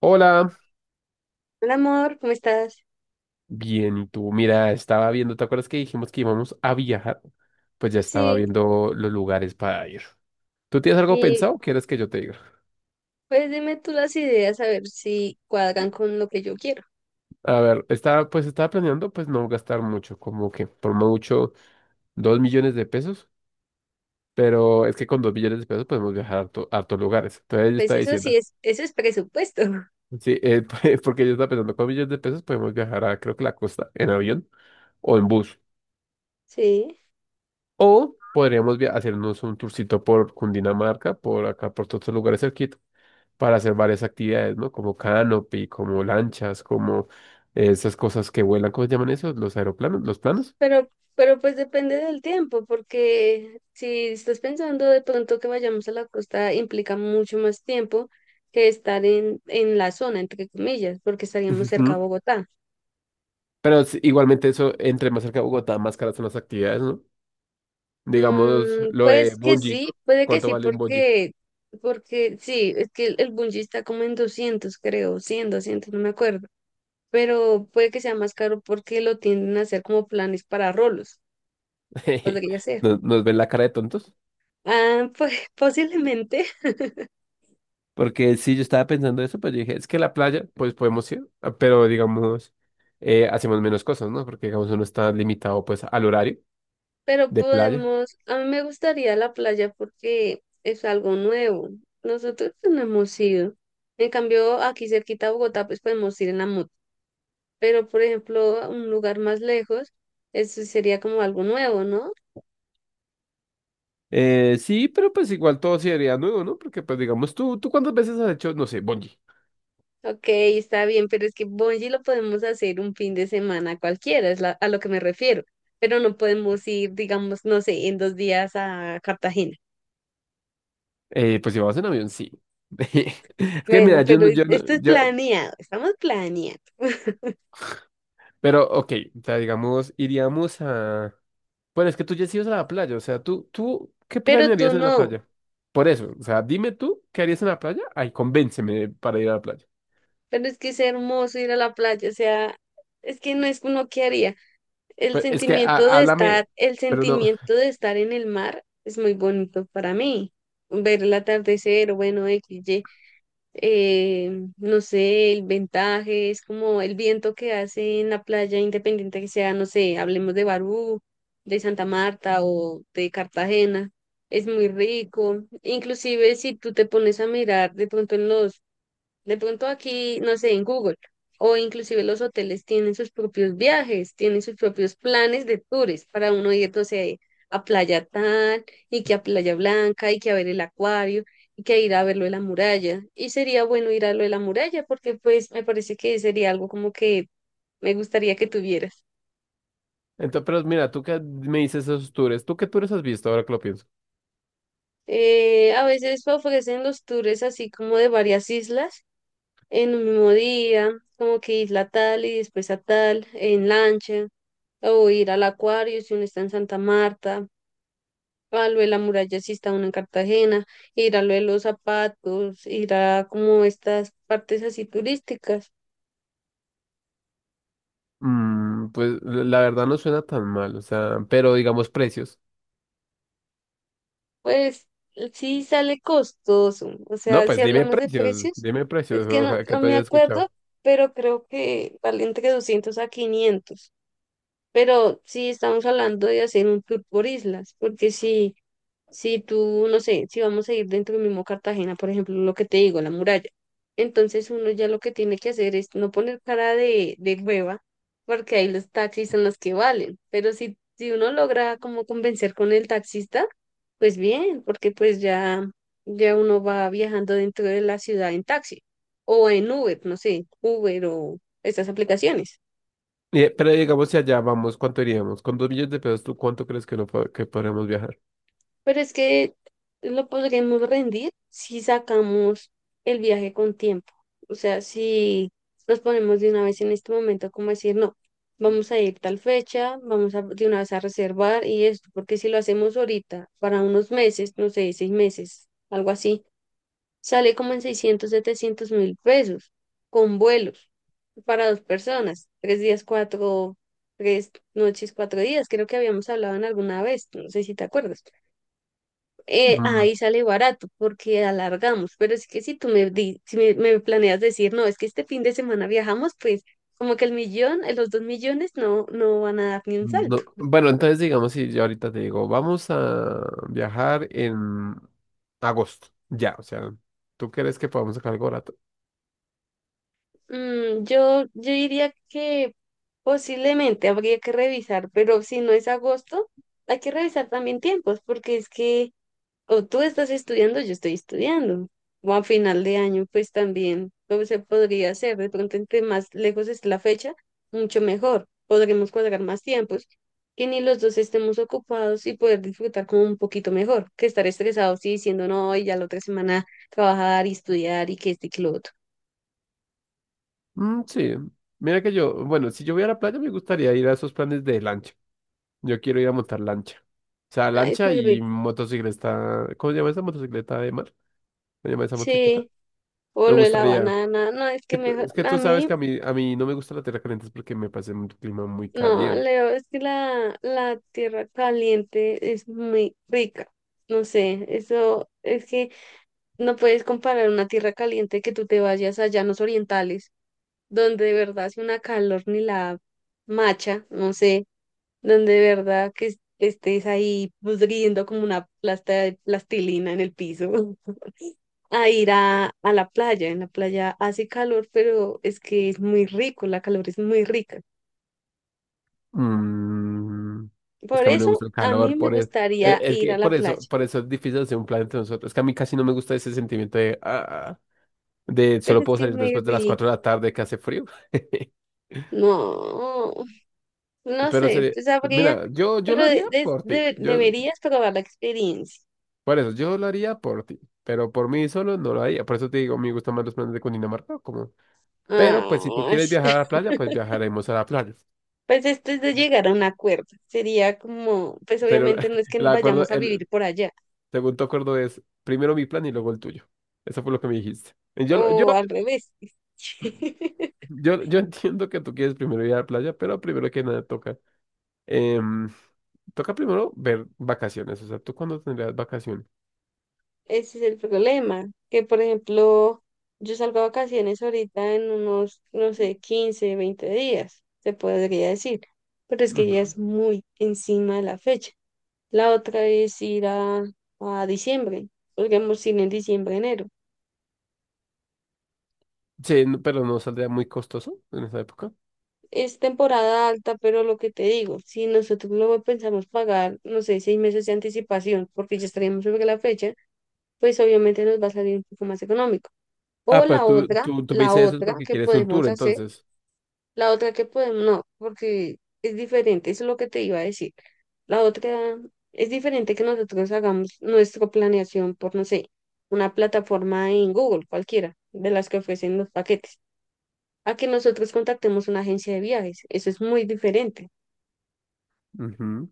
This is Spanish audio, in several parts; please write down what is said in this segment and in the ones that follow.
Hola, Hola amor, ¿cómo estás? bien, ¿y tú? Mira, estaba viendo, ¿te acuerdas que dijimos que íbamos a viajar? Pues ya estaba Sí, viendo los lugares para ir. ¿Tú tienes algo y pensado o quieres que yo te diga? pues dime tú las ideas a ver si cuadran con lo que yo quiero. A ver, pues estaba planeando, pues no gastar mucho, como que por mucho 2 millones de pesos, pero es que con 2 millones de pesos podemos viajar a hartos lugares. Entonces yo Pues estaba eso sí diciendo, es, eso es presupuesto. sí, porque yo estaba pensando, con millones de pesos podemos viajar a, creo que, la costa en avión o en bus. Sí, O podríamos hacernos un tourcito por Cundinamarca, por acá, por todos los lugares cerquita, para hacer varias actividades, ¿no? Como canopy, como lanchas, como esas cosas que vuelan, ¿cómo se llaman esos? Los aeroplanos, los planos. pero, pero pues depende del tiempo, porque si estás pensando de pronto que vayamos a la costa implica mucho más tiempo que estar en la zona, entre comillas, porque estaríamos cerca a Ujú. Bogotá. Pero igualmente eso, entre más cerca de Bogotá, más caras son las actividades, ¿no? Digamos, lo de Pues que bungee. sí, puede que ¿Cuánto sí, vale un bungee? porque sí, es que el bungee está como en 200 creo, 100, 200, no me acuerdo, pero puede que sea más caro porque lo tienden a hacer como planes para rolos, podría ser. ¿Nos ven la cara de tontos? Ah, pues posiblemente, Porque sí, yo estaba pensando eso, pero yo dije, es que la playa, pues podemos ir, ah, pero digamos, hacemos menos cosas, ¿no? Porque digamos, uno está limitado pues al horario pero de playa. podemos, a mí me gustaría la playa porque es algo nuevo, nosotros no hemos ido, en cambio aquí cerquita a Bogotá pues podemos ir en la moto pero por ejemplo, a un lugar más lejos, eso sería como algo nuevo, ¿no? Sí, pero pues igual todo sería nuevo, ¿no? Porque pues digamos, ¿tú cuántas veces has hecho, no sé, bungee? Ok, está bien, pero es que Bonji lo podemos hacer un fin de semana cualquiera, a lo que me refiero, pero no podemos ir, digamos, no sé, en dos días a Cartagena. Pues si vamos en avión, sí. Es que Bueno, mira, yo pero no, yo no, esto es yo, planeado, estamos planeando, pero ok, o sea, digamos, iríamos a... Pero es que tú ya has ido a la playa, o sea, tú, ¿qué pero tú planearías en la no, playa? Por eso, o sea, dime tú, ¿qué harías en la playa? Ay, convénceme para ir a la playa. pero es que es hermoso ir a la playa, o sea, es que no es uno que haría. El Pues es que sentimiento de háblame, estar, el pero no. sentimiento de estar en el mar es muy bonito para mí. Ver el atardecer, bueno, XY, eh, no sé, el ventaje, es como el viento que hace en la playa, independiente que sea, no sé, hablemos de Barú, de Santa Marta o de Cartagena, es muy rico. Inclusive si tú te pones a mirar de pronto en los de pronto aquí, no sé, en Google, o inclusive los hoteles tienen sus propios viajes, tienen sus propios planes de tours para uno ir, no sé, a Playa Tal y que a Playa Blanca y que a ver el acuario y que ir a ver lo de la muralla. Y sería bueno ir a lo de la muralla porque pues me parece que sería algo como que me gustaría que tuvieras. Entonces, pero mira, tú que me dices esos tours, ¿tú qué tours has visto ahora que lo pienso? A veces ofrecen los tours así como de varias islas en un mismo día, como que isla tal y después a tal, en lancha. O ir al Acuario si uno está en Santa Marta, a lo de la muralla si está uno en Cartagena, ir a lo de los zapatos, ir a como estas partes así turísticas. Pues la verdad no suena tan mal, o sea, pero digamos precios. Pues sí sale costoso, o No, sea, si pues hablamos de precios, dime es precios, que o no, sea, que no te me haya acuerdo, escuchado. pero creo que vale entre 200 a 500. Pero sí estamos hablando de hacer un tour por islas, porque si, tú, no sé, si vamos a ir dentro del mismo Cartagena, por ejemplo, lo que te digo, la muralla, entonces uno ya lo que tiene que hacer es no poner cara de hueva, porque ahí los taxis son los que valen, pero si uno logra como convencer con el taxista, pues bien, porque pues ya, ya uno va viajando dentro de la ciudad en taxi o en Uber, no sé, Uber o estas aplicaciones. Pero digamos si allá vamos, ¿cuánto iríamos? Con dos millones de pesos, ¿tú cuánto crees que, no, que podremos viajar? Pero es que lo podremos rendir si sacamos el viaje con tiempo. O sea, si nos ponemos de una vez en este momento, como decir, no, vamos a ir tal fecha, vamos a, de una vez a reservar y esto, porque si lo hacemos ahorita, para unos meses, no sé, 6 meses, algo así, sale como en 600 700 mil pesos con vuelos para dos personas, 3 días, cuatro, 3 noches, 4 días, creo que habíamos hablado en alguna vez, no sé si te acuerdas. Ahí sale barato porque alargamos, pero es que si tú me, si me planeas decir, no, es que este fin de semana viajamos, pues como que el millón, los 2 millones no, no van a dar ni un salto. No, bueno, entonces digamos, si yo ahorita te digo, vamos a viajar en agosto, ya, o sea, ¿tú crees que podamos sacar algo barato? Yo diría que posiblemente habría que revisar, pero si no es agosto, hay que revisar también tiempos, porque es que o tú estás estudiando, yo estoy estudiando, o a final de año, pues también, ¿cómo se podría hacer? De pronto, entre más lejos es la fecha, mucho mejor, podremos cuadrar más tiempos, que ni los dos estemos ocupados y poder disfrutar como un poquito mejor, que estar estresados y diciendo, no, y ya la otra semana trabajar y estudiar y que este y que lo otro. Sí, mira que yo, bueno, si yo voy a la playa me gustaría ir a esos planes de lancha, yo quiero ir a montar lancha, o sea, Ay, es lancha muy y rico. motocicleta, ¿cómo se llama esa motocicleta de mar? ¿Cómo se llama esa motocicleta? Sí, o Me lo de la gustaría, banana, no, es que que me, es que a tú sabes mí. que a mí no me gusta la tierra caliente, es porque me parece un clima muy No, caliente. Leo, es que la tierra caliente es muy rica. No sé, eso es que no puedes comparar una tierra caliente que tú te vayas a llanos orientales, donde de verdad hace una calor ni la macha, no sé, donde de verdad que estés ahí pudriendo como una plasta de plastilina en el piso, a ir a la playa. En la playa hace calor, pero es que es muy rico, la calor es muy rica. Mm, es Por que a mí no me eso gusta el a mí calor, me por eso. Es, gustaría es ir que a la por playa, eso, por eso es difícil hacer un plan entre nosotros. Es que a mí casi no me gusta ese sentimiento de, de pero solo es puedo que salir me después de las vi, 4 de la tarde, que hace frío. no, no Pero sé, sería, pues habría, mira, yo pero lo haría por ti. Deberías probar la experiencia. Por eso, yo lo haría por ti. Pero por mí solo no lo haría. Por eso te digo, me gustan más los planes de Cundinamarca. Como... Pero pues si tú Ay, quieres viajar a la playa, pues viajaremos a la playa. pues esto es de llegar a un acuerdo, sería como, pues Sería obviamente no es que el acuerdo, vayamos a vivir por allá, según tu acuerdo es primero mi plan y luego el tuyo. Eso fue lo que me dijiste. Y Yo, lo- yo, o al revés. yo, yo entiendo que tú quieres primero ir a la playa, pero primero que nada toca. em, Toca primero ver vacaciones. O sea, ¿tú cuándo tendrías vacaciones? Ese es el problema, que por ejemplo, yo salgo a vacaciones ahorita en unos, no sé, 15 20 días, se podría decir, pero es que ya Ujú. es muy encima de la fecha. La otra es ir a diciembre, podríamos ir en diciembre, enero. Sí, pero no saldría muy costoso en esa época. Es temporada alta, pero lo que te digo, si nosotros luego pensamos pagar, no sé, 6 meses de anticipación, porque ya estaríamos sobre la fecha, pues obviamente nos va a salir un poco más económico. O Ah, pero tú, tú, tú me la dices eso es otra porque que quieres un tour, podemos hacer. entonces. La otra que podemos, no, porque es diferente, eso es lo que te iba a decir. La otra es diferente que nosotros hagamos nuestra planeación por, no sé, una plataforma en Google, cualquiera, de las que ofrecen los paquetes, a que nosotros contactemos una agencia de viajes. Eso es muy diferente. Ujú.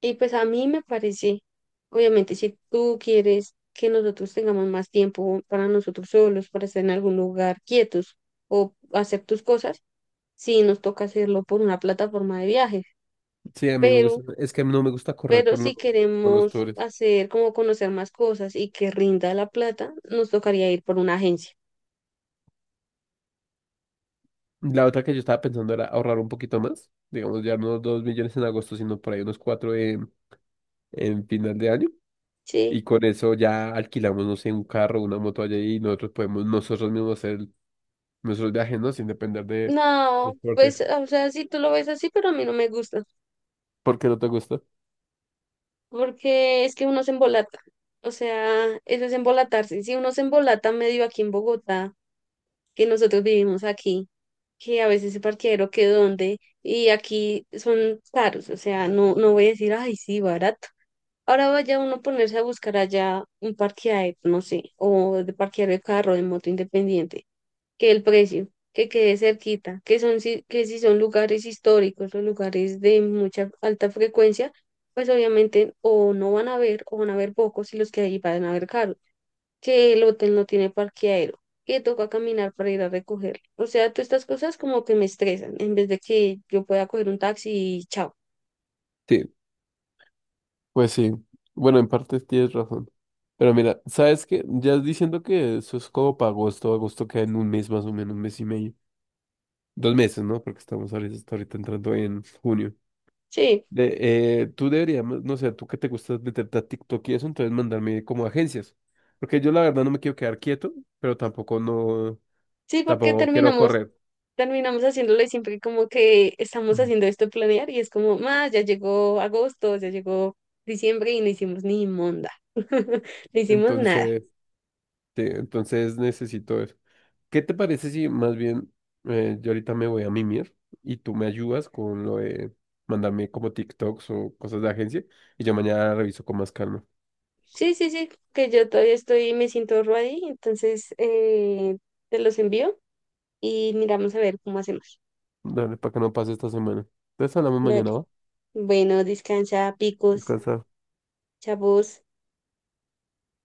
Y pues a mí me parece, obviamente, si tú quieres que nosotros tengamos más tiempo para nosotros solos, para estar en algún lugar quietos o hacer tus cosas, sí nos toca hacerlo por una plataforma de viajes, Sí, a mí me gusta. pero, Es que no me gusta correr pero con los, si con los queremos tours. hacer como conocer más cosas y que rinda la plata, nos tocaría ir por una agencia, La otra que yo estaba pensando era ahorrar un poquito más. Digamos, ya no 2 millones en agosto, sino por ahí unos cuatro en final de año. ¿sí? Y con eso ya alquilamos, no sé, un carro, una moto allá y nosotros podemos nosotros mismos hacer nuestros viajes, ¿no? Sin depender de No, transporte. pues, o sea, sí tú lo ves así, pero a mí no me gusta, ¿Por qué no te gusta? porque es que uno se embolata, o sea, eso es embolatarse, si uno se embolata medio aquí en Bogotá, que nosotros vivimos aquí, que a veces se parqueadero que dónde, y aquí son caros, o sea, no, no voy a decir, ay, sí, barato. Ahora vaya uno a ponerse a buscar allá un parqueadero, no sé, o de parquear el carro de moto independiente, que el precio, que quede cerquita, que son si, que si son lugares históricos o lugares de mucha alta frecuencia, pues obviamente o no van a haber o van a haber pocos y los que ahí van a haber caros, que el hotel no tiene parqueadero, que toca caminar para ir a recogerlo. O sea, todas estas cosas como que me estresan, en vez de que yo pueda coger un taxi y chao. Sí, pues sí. Bueno, en parte tienes razón. Pero mira, ¿sabes qué? Ya diciendo que eso es como para agosto, agosto queda en un mes más o menos, un mes y medio. 2 meses, ¿no? Porque estamos ahorita, hasta ahorita entrando en junio. Sí, Tú deberías, no sé, tú que te gusta meterte a TikTok y eso, entonces mandarme como agencias. Porque yo la verdad no me quiero quedar quieto, pero sí, porque tampoco quiero terminamos correr. terminamos haciéndolo y siempre como que estamos Ujú. haciendo esto de planear y es como, más, ya llegó agosto, ya llegó diciembre y no hicimos ni monda, no hicimos nada. Entonces, sí, entonces necesito eso. ¿Qué te parece si más bien, yo ahorita me voy a mimir y tú me ayudas con lo de mandarme como TikToks o cosas de agencia y yo mañana reviso con más calma? Sí, sí, sí, que yo todavía estoy, me siento ready, entonces te los envío y miramos a ver cómo hacemos. Dale, para que no pase esta semana. Entonces hablamos Dale. mañana, ¿va? Bueno, descansa, picos, Descansa. chavos.